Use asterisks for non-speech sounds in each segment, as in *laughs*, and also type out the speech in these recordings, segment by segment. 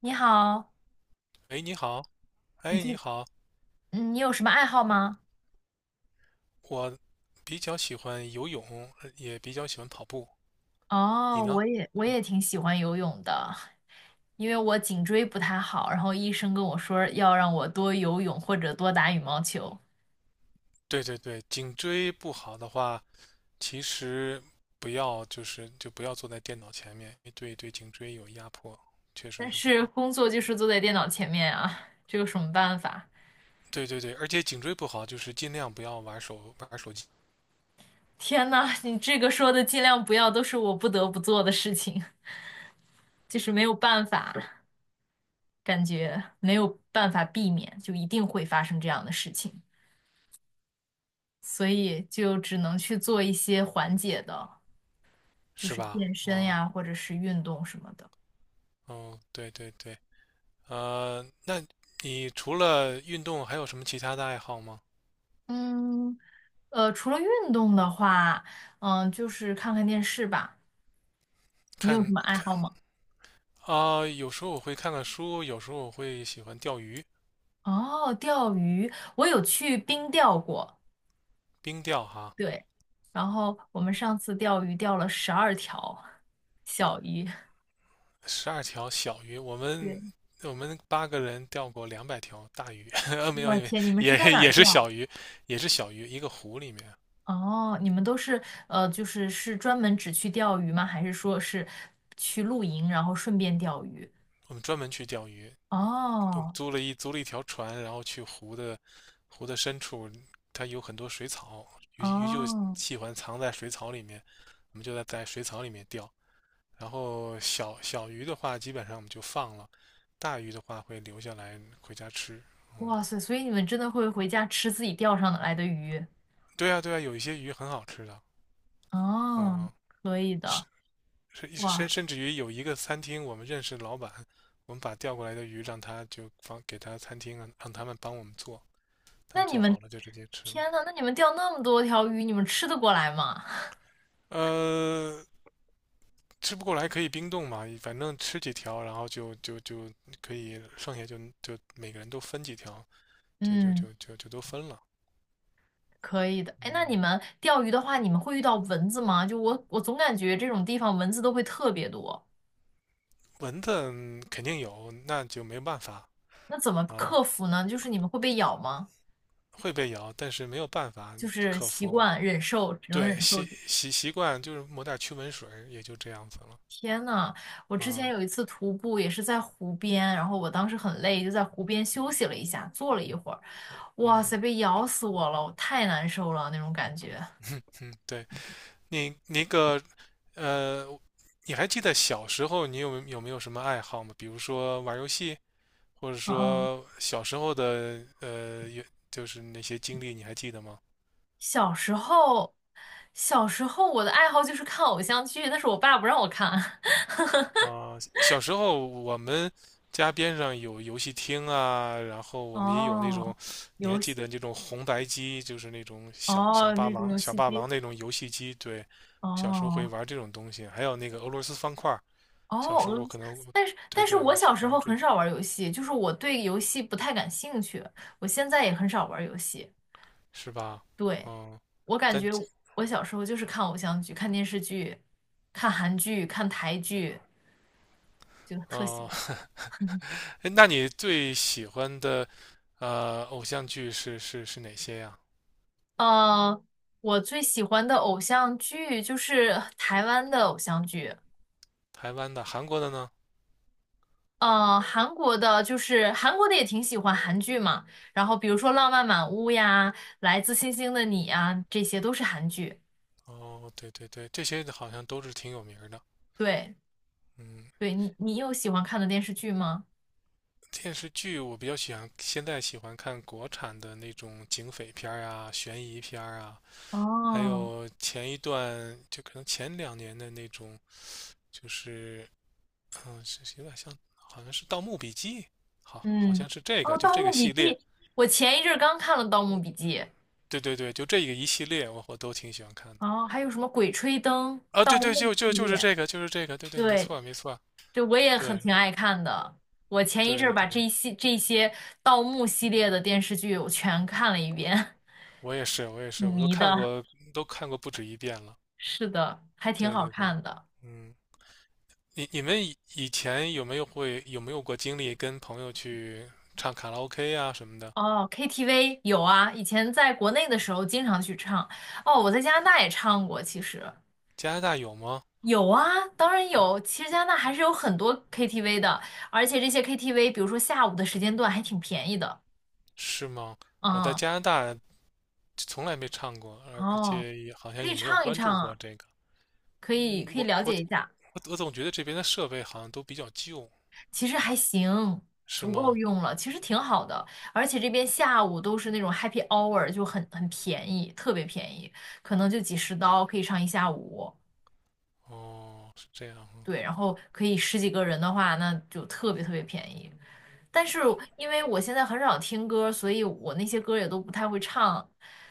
你好，哎，你好。你哎，最，你好。你有什么爱好吗？我比较喜欢游泳，也比较喜欢跑步。你哦，呢？我也挺喜欢游泳的，因为我颈椎不太好，然后医生跟我说要让我多游泳或者多打羽毛球，对对对，颈椎不好的话，其实不要就是就不要坐在电脑前面，对对，颈椎有压迫，确实但是不是好。工作就是坐在电脑前面啊，这有什么办法？对对对，而且颈椎不好，就是尽量不要玩手机，天呐，你这个说的尽量不要，都是我不得不做的事情，就是没有办法，感觉没有办法避免，就一定会发生这样的事情，所以就只能去做一些缓解的。就是是吧？健身嗯呀，或者是运动什么的。嗯，对对对。那你除了运动还有什么其他的爱好吗？嗯，除了运动的话，就是看看电视吧。你有什看么爱看好吗？啊，有时候我会看看书，有时候我会喜欢钓鱼。哦，钓鱼，我有去冰钓过。冰钓哈。对。然后我们上次钓鱼钓了12条小鱼。十二条小鱼，我们对，八个人钓过两百条大鱼，*laughs* 没有，我没有，天，你们是在也哪也儿是钓？小鱼，也是小鱼，一个湖里面。哦，你们都是就是是专门只去钓鱼吗？还是说是去露营，然后顺便钓鱼？我们专门去钓鱼，我们哦租了一条船，然后去湖的深处，它有很多水草，鱼就哦，喜欢藏在水草里面，我们就在水草里面钓。然后小鱼的话，基本上我们就放了，大鱼的话会留下来回家吃。嗯，哇塞，所以你们真的会回家吃自己钓上来的鱼？对啊，对啊，有一些鱼很好吃的。哦，嗯，可以甚的。甚哇，甚甚至于有一个餐厅，我们认识老板，我们把调过来的鱼让他就放给他餐厅，让他们帮我们做，他那们你做们，好了就直接吃了。天呐，那你们钓那么多条鱼，你们吃得过来吗？呃，吃不过来可以冰冻嘛，反正吃几条，然后就可以剩下，就每个人都分几条，*laughs* 就就嗯，就就就都分了。可以的。哎，那你嗯。们钓鱼的话，你们会遇到蚊子吗？就我总感觉这种地方蚊子都会特别多。蚊子，肯定有，那就没办法那怎么啊。克服呢？就是你们会被咬吗？会被咬，但是没有办法就是克习服。惯忍受，只能忍对，习受。习习惯就是抹点驱蚊水，也就这样子了。天呐，我之前嗯有一次徒步也是在湖边，然后我当时很累，就在湖边休息了一下，坐了一会儿，哇塞，嗯被咬死我了，我太难受了那种感觉。嗯嗯，对。你那个呃，你还记得小时候你有没有什么爱好吗？比如说玩游戏，或者嗯嗯，说小时候的就是那些经历，你还记得吗？小时候，小时候我的爱好就是看偶像剧，但是我爸不让我看。*laughs* 啊，小时候我们家边上有游戏厅啊，然后我们也有那哦，种。你还游记戏，得那种红白机，就是那种小小哦，霸那种王、游小戏霸机，王那种游戏机。对，小时候会哦玩这种东西，还有那个俄罗斯方块儿。小时哦，候我可能，但是对但是对，我我们去小时玩候这很种。少玩游戏，就是我对游戏不太感兴趣，我现在也很少玩游戏。是吧？对，嗯。我感但觉我小时候就是看偶像剧、看电视剧、看韩剧、看台剧，就特喜哦。欢。*laughs* *laughs* 哎，那你最喜欢的偶像剧是哪些呀？呃，我最喜欢的偶像剧就是台湾的偶像剧，台湾的、韩国的呢？韩国的就是韩国的也挺喜欢韩剧嘛。然后比如说《浪漫满屋》呀，《来自星星的你》啊，这些都是韩剧。哦，对对对，这些好像都是挺有名儿的。对，嗯。对你有喜欢看的电视剧吗？电视剧我比较喜欢，现在喜欢看国产的那种警匪片儿啊、悬疑片儿啊。还哦。有前一段就可能前两年的那种，就是是有点像，好像是《盗墓笔记》，好，好嗯，像是这哦，个，就《盗这个墓笔系记》，列。我前一阵儿刚看了《盗墓笔记》，对对对，就这个一系列，我都挺喜欢看的。哦，还有什么《鬼吹灯》啊，《盗对对，墓》就就系就是列，这个，就是这个，对对，没对，错没错。对，我也很对挺爱看的。我前一阵儿对把对，这些盗墓系列的电视剧我全看了一遍，我也是我也 *laughs* 挺是，我都迷看的。过，都看过不止一遍了。是的，还挺对好对对。看的。嗯。你们以前有没有过经历跟朋友去唱卡拉 OK 啊什么的？哦，KTV 有啊，以前在国内的时候经常去唱。哦，我在加拿大也唱过，其实。加拿大有吗？有啊，当然有。其实加拿大还是有很多 KTV 的，而且这些 KTV,比如说下午的时间段还挺便宜的。是吗？我在嗯，加拿大从来没唱过，而而哦，且也好可像以也没有唱一关唱注过啊，这个。可以嗯，可以我了我解一下，我我总觉得这边的设备好像都比较旧。其实还行，是足够吗？用了，其实挺好的。而且这边下午都是那种 happy hour,就很便宜，特别便宜，可能就几十刀可以唱一下午。哦，是这样啊。对，然后可以十几个人的话，那就特别特别便宜。但是因为我现在很少听歌，所以我那些歌也都不太会唱，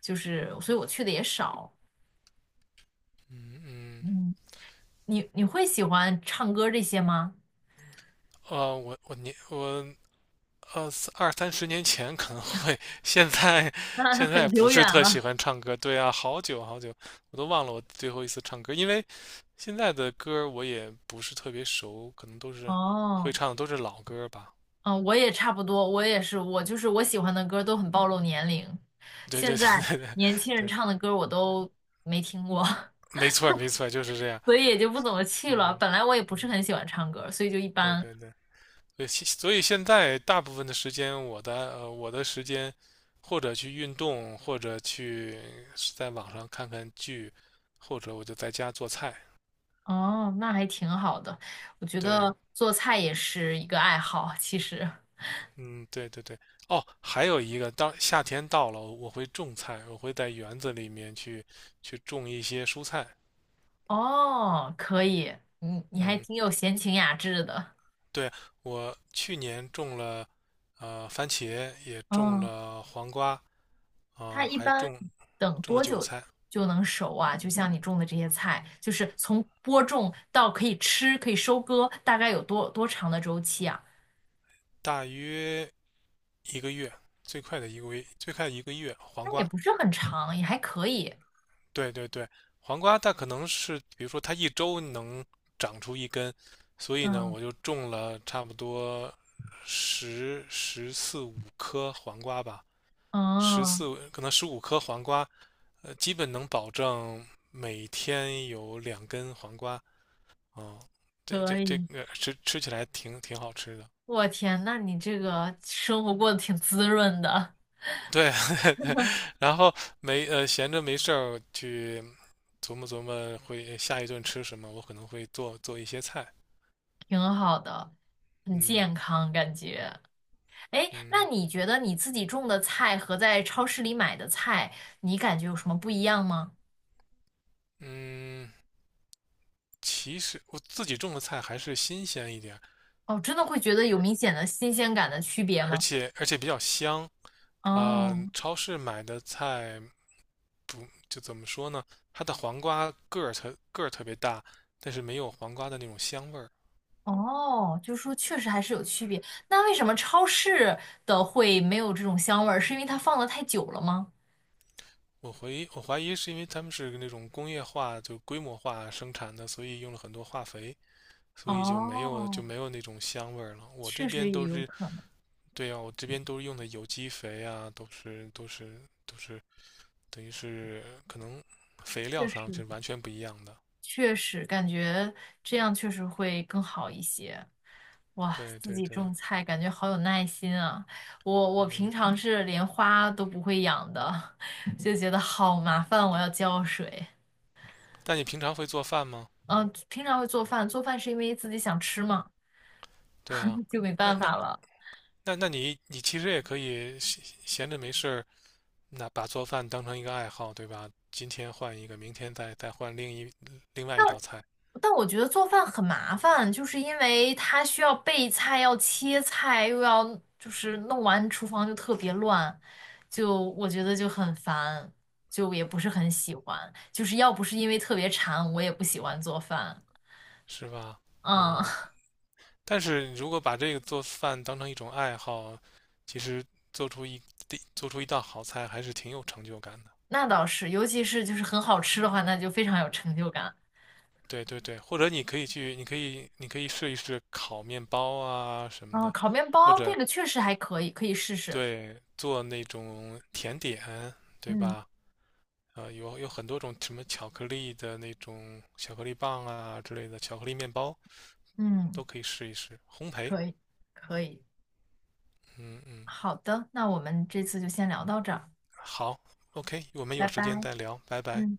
就是所以我去的也少。嗯嗯。嗯，你会喜欢唱歌这些吗？呃，我我年我呃，二三十年前可能会。现在 *laughs* 那现在很不久是远特喜了。欢唱歌。对啊，好久好久，我都忘了我最后一次唱歌。因为现在的歌我也不是特别熟，可能都是会哦，唱的都是老歌吧。嗯，我也差不多，我也是，我就是我喜欢的歌都很暴露年龄，对现对在对对对年轻人对，唱的歌我都没听过，没错没错，就是这样。*laughs* 所以也就不怎么去了。嗯本来我也不是嗯，很喜欢唱歌，所以就一对般。对对。所以现在大部分的时间，我的时间，或者去运动，或者在网上看看剧，或者我就在家做菜。哦，那还挺好的。我觉对。得做菜也是一个爱好，其实。嗯，对对对。哦，还有一个，当夏天到了，我会种菜，我会在园子里面去种一些蔬菜。哦，可以，你还嗯，挺有闲情雅致的。对，我去年种了番茄，也种嗯，了黄瓜，它呃，一还般种等种了多韭久菜。就能熟啊？就像你种的这些菜，就是从播种到可以吃、可以收割，大概有多长的周期啊？大约一个月，最快的一个月，最快一个月黄那也瓜。不是很长，也还可以。对对对，黄瓜它可能是，比如说它一周能长出一根，所以呢，嗯，我就种了差不多十四五颗黄瓜吧，十哦，四可能十五颗黄瓜，基本能保证每天有两根黄瓜。嗯，这可这这以。个吃起来挺好吃的。我天，那你这个生活过得挺滋润的。对。*laughs* 然后没呃闲着没事儿去琢磨琢磨会下一顿吃什么，我可能会做一些菜。挺好的，很嗯健康感觉。哎，那嗯你觉得你自己种的菜和在超市里买的菜，你感觉有什么不一样吗？嗯。其实我自己种的菜还是新鲜一点，哦，真的会觉得有明显的新鲜感的区别而吗？且而且比较香。哦超市买的菜就怎么说呢？它的黄瓜个儿特别大，但是没有黄瓜的那种香味儿。哦，就是说确实还是有区别。那为什么超市的会没有这种香味儿？是因为它放的太久了吗？我怀疑是因为他们是那种工业化就规模化生产的，所以用了很多化肥，所以就没有就哦，没有那种香味儿了。我这确边实也都有是。可能，对呀，我这边都是用的有机肥啊，都是等于是可能肥料确上实。是完全不一样的。确实感觉这样确实会更好一些。哇，对自对己对。种菜感觉好有耐心啊！我平嗯。常是连花都不会养的，*laughs* 就觉得好麻烦，我要浇水。那你平常会做饭吗？嗯，平常会做饭，做饭是因为自己想吃嘛，对啊。*laughs* 就没那办那法了。那你其实也可以闲着没事儿，那把做饭当成一个爱好，对吧？今天换一个，明天再换另外一道菜。但我觉得做饭很麻烦，就是因为它需要备菜，要切菜，又要就是弄完厨房就特别乱，就我觉得就很烦，就也不是很喜欢。就是要不是因为特别馋，我也不喜欢做饭。是吧？嗯，嗯。*laughs* 但是如果把这个做饭当成一种爱好，其实做出一做出一道好菜还是挺有成就感的。那倒是，尤其是就是很好吃的话，那就非常有成就感。对对对，或者你可以去，你可以你可以试一试烤面包啊什么啊，的，烤面或包者，这个确实还可以，可以试试。对，做那种甜点，对嗯吧？有很多种什么巧克力的那种巧克力棒啊之类的，巧克力面包嗯，都可以试一试。烘焙。可以可以。嗯嗯。好的，那我们这次就先聊到这儿，好，OK，我们有拜时间拜。再聊，拜拜。嗯。